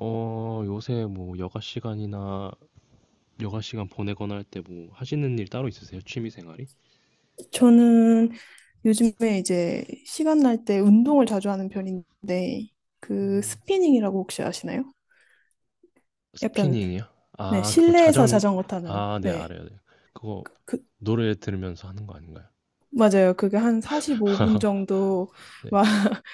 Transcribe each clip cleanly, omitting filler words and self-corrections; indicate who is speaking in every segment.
Speaker 1: 요새 뭐 여가 시간 보내거나 할 때 뭐 하시는 일 따로 있으세요? 취미 생활이?
Speaker 2: 저는 요즘에 이제 시간 날 때 운동을 자주 하는 편인데 그
Speaker 1: 음,
Speaker 2: 스피닝이라고 혹시 아시나요? 약간
Speaker 1: 스피닝이요?
Speaker 2: 네,
Speaker 1: 아, 그거
Speaker 2: 실내에서
Speaker 1: 자전
Speaker 2: 자전거 타는
Speaker 1: 아, 네,
Speaker 2: 네.
Speaker 1: 알아요. 네. 그거
Speaker 2: 그, 그,
Speaker 1: 노래 들으면서 하는 거 아닌가요?
Speaker 2: 맞아요. 그게 한 45분 정도
Speaker 1: 네.
Speaker 2: 막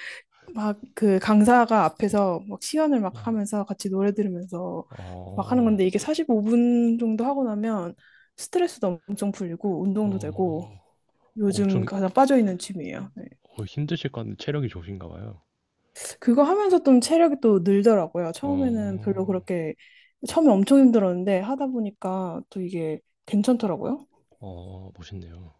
Speaker 2: 막 그 강사가 앞에서 막 시연을 막
Speaker 1: 아, 네.
Speaker 2: 하면서 같이 노래 들으면서 막 하는
Speaker 1: 어,
Speaker 2: 건데 이게 45분 정도 하고 나면 스트레스도 엄청 풀리고 운동도 되고
Speaker 1: 어,
Speaker 2: 요즘
Speaker 1: 엄청
Speaker 2: 가장 빠져 있는 취미예요. 네.
Speaker 1: 힘드실 것 같은데 체력이 좋으신가 봐요.
Speaker 2: 그거 하면서 좀 체력이 또 늘더라고요. 처음에는 별로
Speaker 1: 어,
Speaker 2: 그렇게, 처음에 엄청 힘들었는데 하다 보니까 또 이게 괜찮더라고요.
Speaker 1: 멋있네요.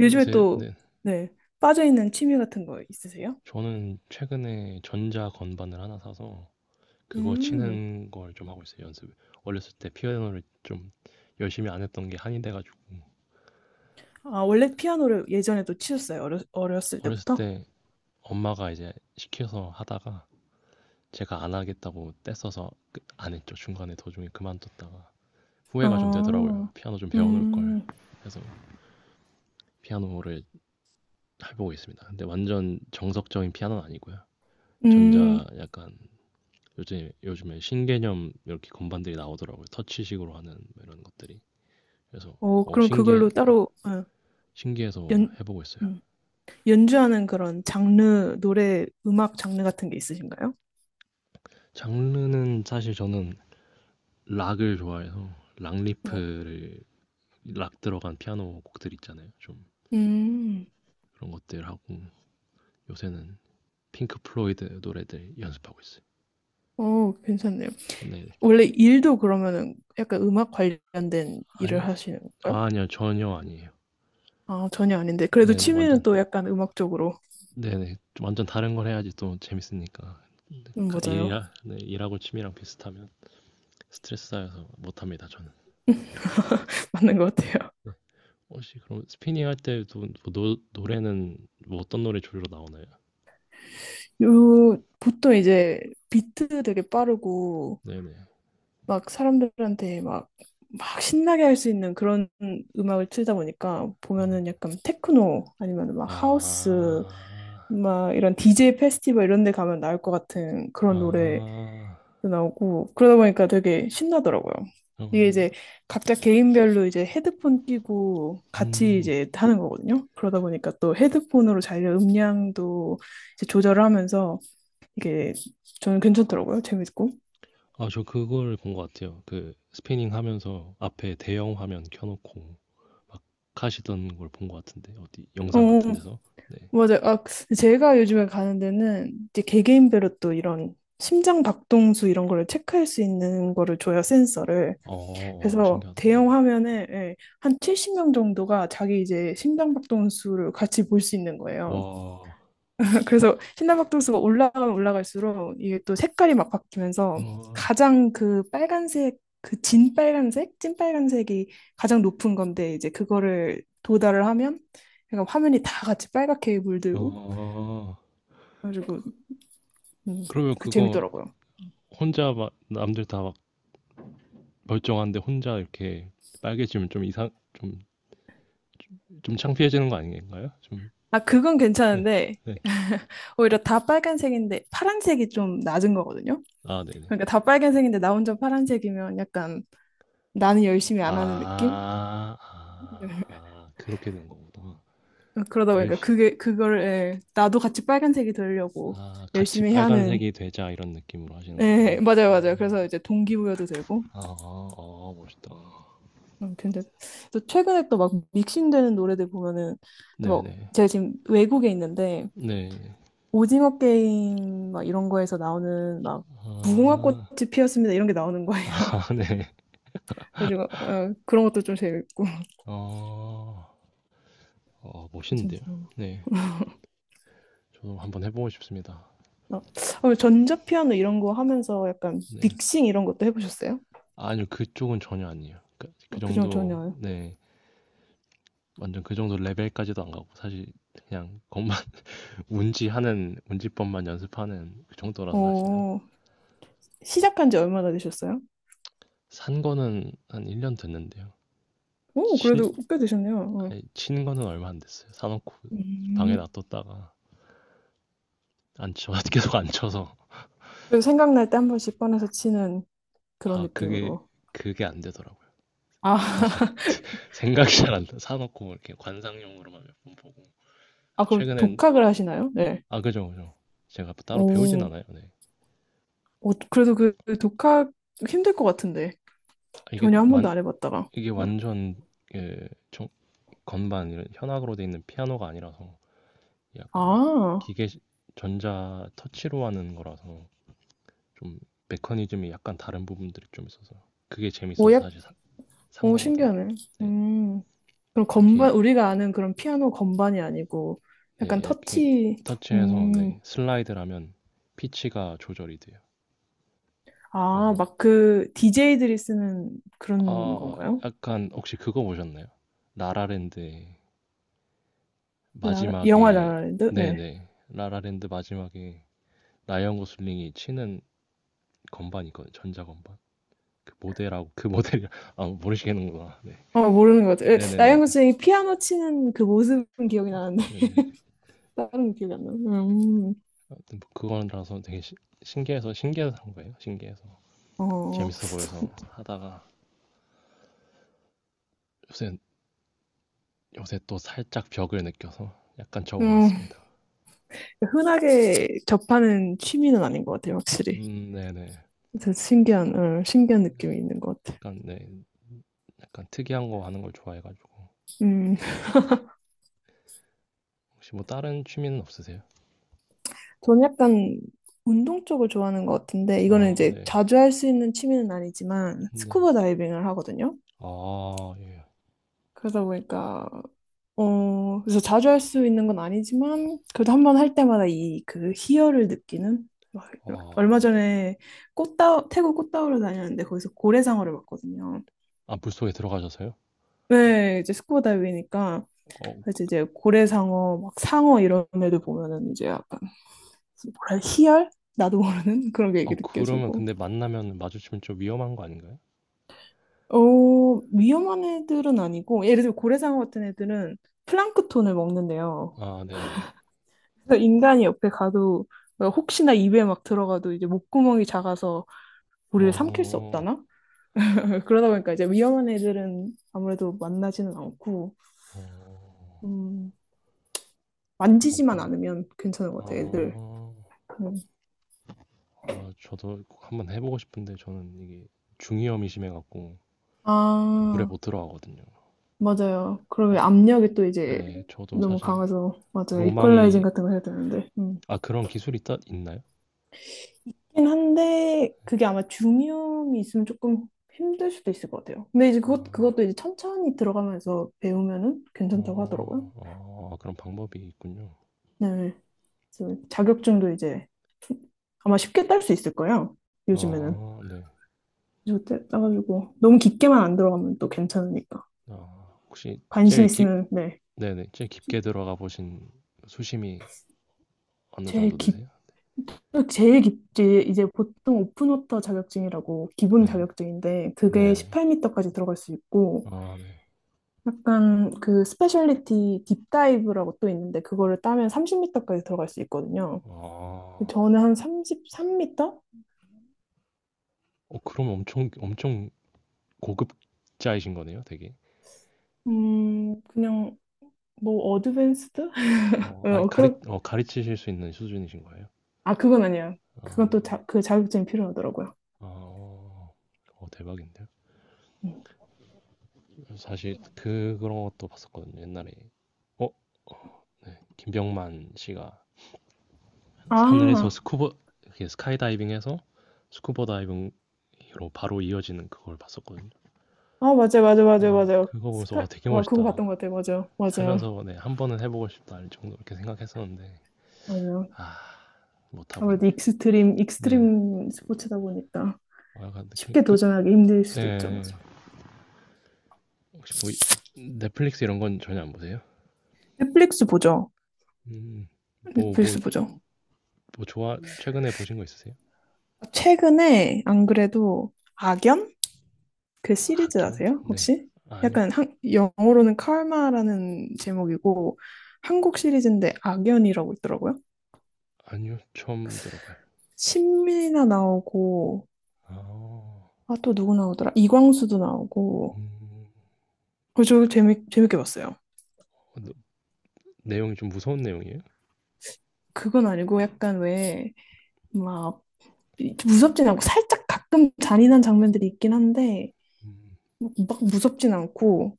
Speaker 2: 요즘에
Speaker 1: 요새
Speaker 2: 또,
Speaker 1: 네.
Speaker 2: 네, 빠져있는 취미 같은 거 있으세요?
Speaker 1: 저는 최근에 전자 건반을 하나 사서 그거
Speaker 2: 음,
Speaker 1: 치는 걸 좀 하고 있어요, 연습. 어렸을 때 피아노를 좀 열심히 안 했던 게 한이 돼가지고
Speaker 2: 아, 원래 피아노를 예전에도 치셨어요? 어렸을
Speaker 1: 어렸을
Speaker 2: 때부터?
Speaker 1: 때 엄마가 이제 시켜서 하다가 제가 안 하겠다고 떼써서 안 했죠. 중간에 도중에 그만뒀다가 후회가 좀 되더라고요.
Speaker 2: 아
Speaker 1: 피아노 좀 배워놓을 걸.
Speaker 2: 음,
Speaker 1: 그래서 피아노를 해보고 있습니다. 근데 완전 정석적인 피아노는 아니고요.
Speaker 2: 음,
Speaker 1: 전자 약간, 요즘에 신개념 이렇게 건반들이 나오더라고요. 터치식으로 하는 뭐 이런 것들이. 그래서
Speaker 2: 어,
Speaker 1: 어
Speaker 2: 그럼
Speaker 1: 신기해
Speaker 2: 그걸로 따로, 어,
Speaker 1: 신기해서
Speaker 2: 연,
Speaker 1: 해보고 있어요.
Speaker 2: 음, 연주하는 그런 장르, 노래, 음악 장르 같은 게 있으신가요?
Speaker 1: 장르는 사실 저는 락을 좋아해서, 락
Speaker 2: 어,
Speaker 1: 리프를 락 들어간 피아노 곡들 있잖아요. 좀
Speaker 2: 음,
Speaker 1: 그런 것들 하고 요새는 핑크 플로이드 노래들 연습하고 있어요.
Speaker 2: 어, 괜찮네요.
Speaker 1: 네,
Speaker 2: 원래 일도 그러면은 약간 음악 관련된
Speaker 1: 아니
Speaker 2: 일을 하시는 건가요?
Speaker 1: 아, 아니요, 전혀 아니에요.
Speaker 2: 아, 전혀 아닌데. 그래도
Speaker 1: 네, 네, 완전
Speaker 2: 취미는 또 약간 음악적으로.
Speaker 1: 네네, 좀 완전 다른 걸 해야지 또 재밌으니까. 그러니까
Speaker 2: 맞아요.
Speaker 1: 일하 네, 일하고 취미랑 비슷하면 스트레스 쌓여서 못합니다, 저는.
Speaker 2: 맞는 것 같아요.
Speaker 1: 네, 혹시 그럼 스피닝 할 때도 뭐 노래는 뭐 어떤 노래 주로 나오나요?
Speaker 2: 요, 보통 이제 비트 되게 빠르고,
Speaker 1: 네네.
Speaker 2: 막 사람들한테 막, 막 신나게 할 수 있는 그런 음악을 틀다 보니까
Speaker 1: 음.
Speaker 2: 보면은 약간 테크노 아니면 막 하우스,
Speaker 1: 아.
Speaker 2: 막 이런 DJ 페스티벌 이런 데 가면 나올 것 같은 그런 노래
Speaker 1: 아.
Speaker 2: 나오고 그러다 보니까 되게 신나더라고요. 이게
Speaker 1: 어.
Speaker 2: 이제 각자 개인별로 이제 헤드폰 끼고 같이
Speaker 1: 음.
Speaker 2: 이제 하는 거거든요. 그러다 보니까 또 헤드폰으로 자기 음량도 이제 조절을 하면서 이게 저는 괜찮더라고요. 재밌고.
Speaker 1: 아, 저 그걸 본 것 같아요. 그 스피닝 하면서 앞에 대형 화면 켜 놓고 막 하시던 걸 본 것 같은데, 어디 영상 같은
Speaker 2: 어,
Speaker 1: 데서. 네.
Speaker 2: 맞아요. 아, 제가 요즘에 가는 데는 이제 개개인별로 또 이런 심장 박동수 이런 거를 체크할 수 있는 거를 줘요, 센서를.
Speaker 1: 어.
Speaker 2: 그래서
Speaker 1: 신기하다. 네.
Speaker 2: 대형 화면에 예, 한 70명 정도가 자기 이제 심장박동수를 같이 볼 수 있는 거예요.
Speaker 1: 와.
Speaker 2: 그래서 심장박동수가 올라가면 올라갈수록 이게 또 색깔이 막 바뀌면서
Speaker 1: 어.
Speaker 2: 가장 그 빨간색, 그 진빨간색, 찐빨간색이 가장 높은 건데 이제 그거를 도달을 하면 그러니까 화면이 다 같이 빨갛게 물들고
Speaker 1: 어.
Speaker 2: 그래가지고 음,
Speaker 1: 그러면
Speaker 2: 그
Speaker 1: 그거
Speaker 2: 재밌더라고요.
Speaker 1: 혼자 막, 남들 다 막 멀쩡한데 혼자 이렇게 빨개지면 좀 이상 좀 좀 창피해지는 거 아닌가요? 좀.
Speaker 2: 아, 그건
Speaker 1: 네.
Speaker 2: 괜찮은데
Speaker 1: 네.
Speaker 2: 오히려 다 빨간색인데 파란색이 좀 낮은 거거든요.
Speaker 1: 아, 네네.
Speaker 2: 그러니까 다 빨간색인데 나 혼자 파란색이면 약간 나는 열심히 안 하는 느낌?
Speaker 1: 아. 아. 아, 그렇게 되는 거구나.
Speaker 2: 그러다
Speaker 1: 열
Speaker 2: 보니까
Speaker 1: 시
Speaker 2: 그게 그걸 예, 나도 같이 빨간색이 되려고
Speaker 1: 아, 같이
Speaker 2: 열심히 해야 하는
Speaker 1: 빨간색이 되자 이런 느낌으로 하시는
Speaker 2: 예,
Speaker 1: 거군요.
Speaker 2: 맞아요, 맞아요. 그래서 이제 동기부여도 되고.
Speaker 1: 아. 아, 멋있다.
Speaker 2: 근데 또 최근에 또 막 믹싱되는 노래들 보면은 또 막
Speaker 1: 네네.
Speaker 2: 제가 지금 외국에 있는데
Speaker 1: 네네.
Speaker 2: 오징어 게임 막 이런 거에서 나오는 막 무궁화 꽃이
Speaker 1: 아.
Speaker 2: 피었습니다 이런 게 나오는 거예요.
Speaker 1: 아, 네.
Speaker 2: 그래가지고 어, 그런 것도 좀 재밌고
Speaker 1: 어. 멋있는데요.
Speaker 2: 괜찮더라고요.
Speaker 1: 네. 저도 한번 해 보고 싶습니다.
Speaker 2: 어, 어, 전자 피아노 이런 거 하면서 약간
Speaker 1: 네.
Speaker 2: 빅싱 이런 것도 해보셨어요?
Speaker 1: 아니요. 그쪽은 전혀 아니에요. 그
Speaker 2: 어, 그중
Speaker 1: 정도.
Speaker 2: 전혀요.
Speaker 1: 네. 완전 그 정도 레벨까지도 안 가고, 사실 그냥 건만 운지법만 연습하는 그 정도라서 사실은,
Speaker 2: 어, 시작한 지 얼마나 되셨어요?
Speaker 1: 산 거는 한 1년 됐는데요.
Speaker 2: 오,
Speaker 1: 친
Speaker 2: 그래도 꽤 되셨네요. 어.
Speaker 1: 아니, 친 거는 얼마 안 됐어요. 사 놓고 방에
Speaker 2: 음.
Speaker 1: 놔뒀다가 안 쳐 계속 안 쳐서.
Speaker 2: 그래서 생각날 때 한 번씩 꺼내서 치는 그런
Speaker 1: 아, 그게
Speaker 2: 느낌으로.
Speaker 1: 그게 안 되더라고요 사실.
Speaker 2: 아,
Speaker 1: 생각이 잘 안 나. 사 놓고 이렇게 관상용으로만 몇 번 보고.
Speaker 2: 아, 그럼
Speaker 1: 최근엔
Speaker 2: 독학을 하시나요? 네.
Speaker 1: 아, 그죠, 그죠. 제가 뭐 따로 배우진
Speaker 2: 오,
Speaker 1: 않아요. 네.
Speaker 2: 어, 그래도 그 독학 힘들 것 같은데.
Speaker 1: 아,
Speaker 2: 전혀 한 번도 안 해봤다가.
Speaker 1: 이게
Speaker 2: 응.
Speaker 1: 완전, 그 정- 건반, 이런 현악으로 돼 있는 피아노가 아니라서 약간
Speaker 2: 아,
Speaker 1: 기계 전자 터치로 하는 거라서, 좀 메커니즘이 약간 다른 부분들이 좀 있어서 그게
Speaker 2: 오,
Speaker 1: 재밌어서 사실 산
Speaker 2: 오,
Speaker 1: 거거든요.
Speaker 2: 신기하네.
Speaker 1: 네,
Speaker 2: 음. 그럼 건반,
Speaker 1: 이렇게
Speaker 2: 우리가 아는 그런 피아노 건반이 아니고,
Speaker 1: 네
Speaker 2: 약간
Speaker 1: 이렇게
Speaker 2: 터치,
Speaker 1: 터치해서,
Speaker 2: 음,
Speaker 1: 네, 슬라이드를 하면 피치가 조절이 돼요.
Speaker 2: 아,
Speaker 1: 그래서
Speaker 2: 막 그, DJ들이 쓰는 그런
Speaker 1: 아
Speaker 2: 건가요?
Speaker 1: 약간, 혹시 그거 보셨나요? 라라랜드
Speaker 2: 라라, 영화
Speaker 1: 마지막에.
Speaker 2: 라라랜드? 네.
Speaker 1: 네네. 라라랜드 마지막에 라이언 고슬링이 치는 건반 있거든요. 전자 건반, 그 모델하고 그 모델이, 아, 모르시겠는구나. 네.
Speaker 2: 어, 모르는 것 같아요. 에,
Speaker 1: 네네네.
Speaker 2: 라이언 고슬링이 피아노 치는 그 모습은 기억이 나는데,
Speaker 1: 네네.
Speaker 2: 다른 건 기억이 안 나요.
Speaker 1: 하여튼 뭐 그거라서 되게 신기해서 한 거예요. 신기해서,
Speaker 2: 어, 어.
Speaker 1: 재밌어 보여서 하다가 요새, 또 살짝 벽을 느껴서 약간
Speaker 2: 음,
Speaker 1: 접어놨습니다.
Speaker 2: 흔하게 접하는 취미는 아닌 것 같아요, 확실히.
Speaker 1: 네네.
Speaker 2: 그래서 신기한, 어, 신기한 느낌이 있는 것 같아요.
Speaker 1: 약간 네, 약간 특이한 거 하는 걸 좋아해가지고.
Speaker 2: 음.
Speaker 1: 혹시 뭐 다른 취미는 없으세요?
Speaker 2: 저는 약간 운동 쪽을 좋아하는 것 같은데, 이거는
Speaker 1: 아,
Speaker 2: 이제
Speaker 1: 네,
Speaker 2: 자주 할 수 있는 취미는 아니지만,
Speaker 1: 네.
Speaker 2: 스쿠버 다이빙을 하거든요.
Speaker 1: 아, 예.
Speaker 2: 그러다 보니까, 어, 그래서 자주 할 수 있는 건 아니지만, 그래도 한번 할 때마다 이 그 희열을 느끼는? 막 이런 얼마
Speaker 1: 아,
Speaker 2: 전에 태국 꽃다우를 다녔는데, 거기서 고래상어를 봤거든요.
Speaker 1: 아, 물속에 들어가셔서요?
Speaker 2: 네, 이제 스쿠버 다이빙이니까,
Speaker 1: 어,
Speaker 2: 그래서 이제 고래상어, 막 상어 이런 애들 보면은 이제 약간, 희열? 나도 모르는 그런 게 이렇게
Speaker 1: 그러면
Speaker 2: 느껴지고.
Speaker 1: 근데 만나면 마주치면 좀 위험한 거 아닌가요?
Speaker 2: 어, 위험한 애들은 아니고, 예를 들어 고래상어 같은 애들은 플랑크톤을 먹는데요.
Speaker 1: 아, 네네.
Speaker 2: 그래서 인간이 옆에 가도, 어, 혹시나 입에 막 들어가도 이제 목구멍이 작아서 우리를 삼킬 수
Speaker 1: 어,
Speaker 2: 없다나? 그러다 보니까 이제 위험한 애들은 아무래도 만나지는 않고,
Speaker 1: 어,
Speaker 2: 음,
Speaker 1: 어,
Speaker 2: 만지지만
Speaker 1: 뭐,
Speaker 2: 않으면 괜찮은 것 같아요, 애들.
Speaker 1: 아,
Speaker 2: 음.
Speaker 1: 저도 꼭 한번 해보고 싶은데, 저는 이게 중이염이 심해갖고 물에
Speaker 2: 아,
Speaker 1: 못 들어가거든요.
Speaker 2: 맞아요.
Speaker 1: 네,
Speaker 2: 그러면 압력이 또 이제
Speaker 1: 네, 저도
Speaker 2: 너무
Speaker 1: 사실
Speaker 2: 강해서, 맞아요. 이퀄라이징
Speaker 1: 로망이.
Speaker 2: 같은 거 해야 되는데. 음.
Speaker 1: 아, 그런 기술이 있다 있나요?
Speaker 2: 긴 한데 그게 아마 중이염이 있으면 조금 힘들 수도 있을 것 같아요. 근데 이제
Speaker 1: 아,
Speaker 2: 그것도 이제 천천히 들어가면서 배우면은 괜찮다고 하더라고요.
Speaker 1: 그런 방법이 있군요.
Speaker 2: 네, 그래서 자격증도 이제 아마 쉽게 딸 수 있을 거예요. 요즘에는
Speaker 1: 아, 네.
Speaker 2: 그래서 따- 따가지고 너무 깊게만 안 들어가면 또 괜찮으니까
Speaker 1: 아, 혹시
Speaker 2: 관심 있으면 네
Speaker 1: 네네, 제일 깊게 들어가 보신 수심이 어느 정도
Speaker 2: 제일 깊
Speaker 1: 되세요?
Speaker 2: 제일 깊지 이제 보통 오픈워터 자격증이라고 기본
Speaker 1: 네,
Speaker 2: 자격증인데 그게
Speaker 1: 네네.
Speaker 2: 18m까지 들어갈 수 있고
Speaker 1: 아, 네.
Speaker 2: 약간 그 스페셜리티 딥다이브라고 또 있는데 그거를 따면 30m까지 들어갈 수 있거든요.
Speaker 1: 아,
Speaker 2: 근데 저는 한 33m?
Speaker 1: 그럼 엄청 엄청 고급자이신 거네요, 되게.
Speaker 2: 그냥 뭐 어드밴스드?
Speaker 1: 아니,
Speaker 2: 어, 그런
Speaker 1: 가르치실 수 있는 수준이신 거예요?
Speaker 2: 아 그건 아니야. 그건 또 자,
Speaker 1: 아,
Speaker 2: 그 자격증이 필요하더라고요.
Speaker 1: 어, 대박인데요?
Speaker 2: 음.
Speaker 1: 사실 그런 것도 봤었거든요, 옛날에. 어, 김병만 씨가 하늘에서
Speaker 2: 아,
Speaker 1: 이렇게 스카이다이빙해서 스쿠버 다이빙으로 바로 이어지는 그걸 봤었거든요.
Speaker 2: 아 맞아요, 맞아요, 맞아요,
Speaker 1: 네,
Speaker 2: 맞아요.
Speaker 1: 그거 보면서 와,
Speaker 2: 스카,
Speaker 1: 되게
Speaker 2: 와 그거
Speaker 1: 멋있다.
Speaker 2: 봤던 것 같아요, 맞아요, 맞아요,
Speaker 1: 살면서, 네, 한 번은 해보고 싶다, 이 정도 이렇게 생각했었는데,
Speaker 2: 맞아요.
Speaker 1: 아, 못하고
Speaker 2: 아무래도
Speaker 1: 있네. 네,
Speaker 2: 익스트림 스포츠다 보니까
Speaker 1: 아, 근데 그러니까
Speaker 2: 쉽게 도전하기 힘들 수도 있죠,
Speaker 1: 네,
Speaker 2: 맞아.
Speaker 1: 혹시 넷플릭스 이런 건 전혀 안 보세요?
Speaker 2: 넷플릭스 보죠.
Speaker 1: 음. 뭐, 뭐,
Speaker 2: 넷플릭스 보죠.
Speaker 1: 뭐 좋아 최근에 보신 거 있으세요?
Speaker 2: 최근에 안 그래도 악연? 그 시리즈
Speaker 1: 악연?
Speaker 2: 아세요?
Speaker 1: 네.
Speaker 2: 혹시?
Speaker 1: 아니요.
Speaker 2: 약간 한, 영어로는 칼마라는 제목이고 한국 시리즈인데 악연이라고 있더라고요.
Speaker 1: 아니요. 처음 들어봐요.
Speaker 2: 신민이나 나오고
Speaker 1: 아.
Speaker 2: 아 또 누구 나오더라? 이광수도 나오고
Speaker 1: 음.
Speaker 2: 그저 재밌게 봤어요.
Speaker 1: 어, 너- 내용이 좀 무서운 내용이에요?
Speaker 2: 그건 아니고 약간 왜 막 무섭진 않고 살짝 가끔 잔인한 장면들이 있긴 한데
Speaker 1: 음.
Speaker 2: 막 무섭진 않고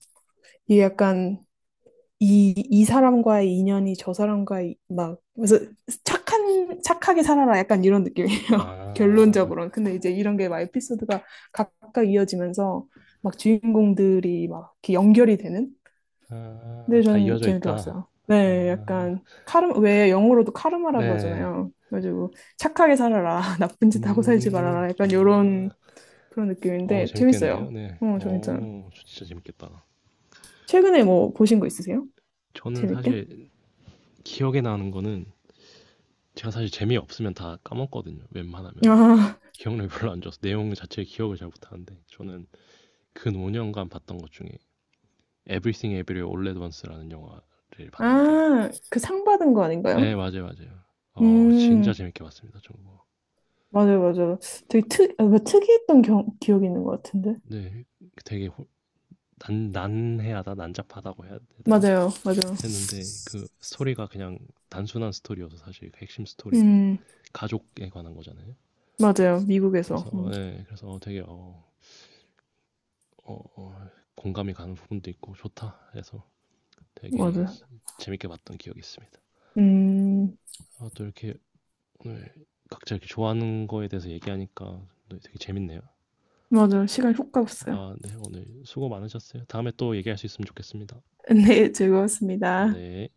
Speaker 2: 이게 약간 이 사람과의 인연이 저 사람과의 막 그래서 착한 착하게 살아라 약간 이런 느낌이에요.
Speaker 1: 아.
Speaker 2: 결론적으로는. 근데 이제 이런 게 막 에피소드가 각각 이어지면서 막 주인공들이 막 이렇게 연결이 되는.
Speaker 1: 아,
Speaker 2: 근데
Speaker 1: 다
Speaker 2: 전
Speaker 1: 이어져
Speaker 2: 재밌게
Speaker 1: 있다.
Speaker 2: 봤어요. 네,
Speaker 1: 아.
Speaker 2: 약간 카르 왜 영어로도 카르마라
Speaker 1: 네.
Speaker 2: 그러잖아요. 그래가지고 착하게 살아라, 나쁜 짓 하고 살지
Speaker 1: 음.
Speaker 2: 말아라 약간 이런
Speaker 1: 아.
Speaker 2: 그런 느낌인데 재밌어요.
Speaker 1: 재밌겠는데요? 네.
Speaker 2: 어, 저 괜찮아요.
Speaker 1: 저 진짜 재밌겠다.
Speaker 2: 최근에 뭐 보신 거 있으세요?
Speaker 1: 저는
Speaker 2: 재밌게?
Speaker 1: 사실 기억에 나는 거는, 제가 사실 재미없으면 다 까먹거든요, 웬만하면.
Speaker 2: 아,
Speaker 1: 기억력이 별로 안 좋아서 내용 자체 기억을 잘 못하는데, 저는 근 5년간 봤던 것 중에 Everything Everywhere All at Once라는 영화를 봤는데,
Speaker 2: 아, 그 상 받은 거
Speaker 1: 네,
Speaker 2: 아닌가요?
Speaker 1: 맞아요, 맞아요.
Speaker 2: 음,
Speaker 1: 진짜 재밌게 봤습니다, 저거.
Speaker 2: 맞아요, 맞아요. 되게 아, 뭔가 특이했던 기억이 있는 것 같은데.
Speaker 1: 네, 되게 난해하다, 난잡하다고 해야 되나
Speaker 2: 맞아요, 맞아요.
Speaker 1: 그랬는데, 그 스토리가 그냥 단순한 스토리여서, 사실 그 핵심 스토리가
Speaker 2: 음,
Speaker 1: 가족에 관한 거잖아요.
Speaker 2: 맞아요. 미국에서.
Speaker 1: 그래서, 네, 그래서 되게 어, 어, 공감이 가는 부분도 있고 좋다 해서 되게
Speaker 2: 맞아요.
Speaker 1: 재밌게 봤던 기억이 있습니다.
Speaker 2: 음,
Speaker 1: 아, 또 이렇게 오늘 각자 이렇게 좋아하는 거에 대해서 얘기하니까 되게 재밌네요.
Speaker 2: 맞아요. 시간 훅 갔어요.
Speaker 1: 아, 네, 오늘 수고 많으셨어요. 다음에 또 얘기할 수 있으면 좋겠습니다.
Speaker 2: 네, 즐거웠습니다.
Speaker 1: 네.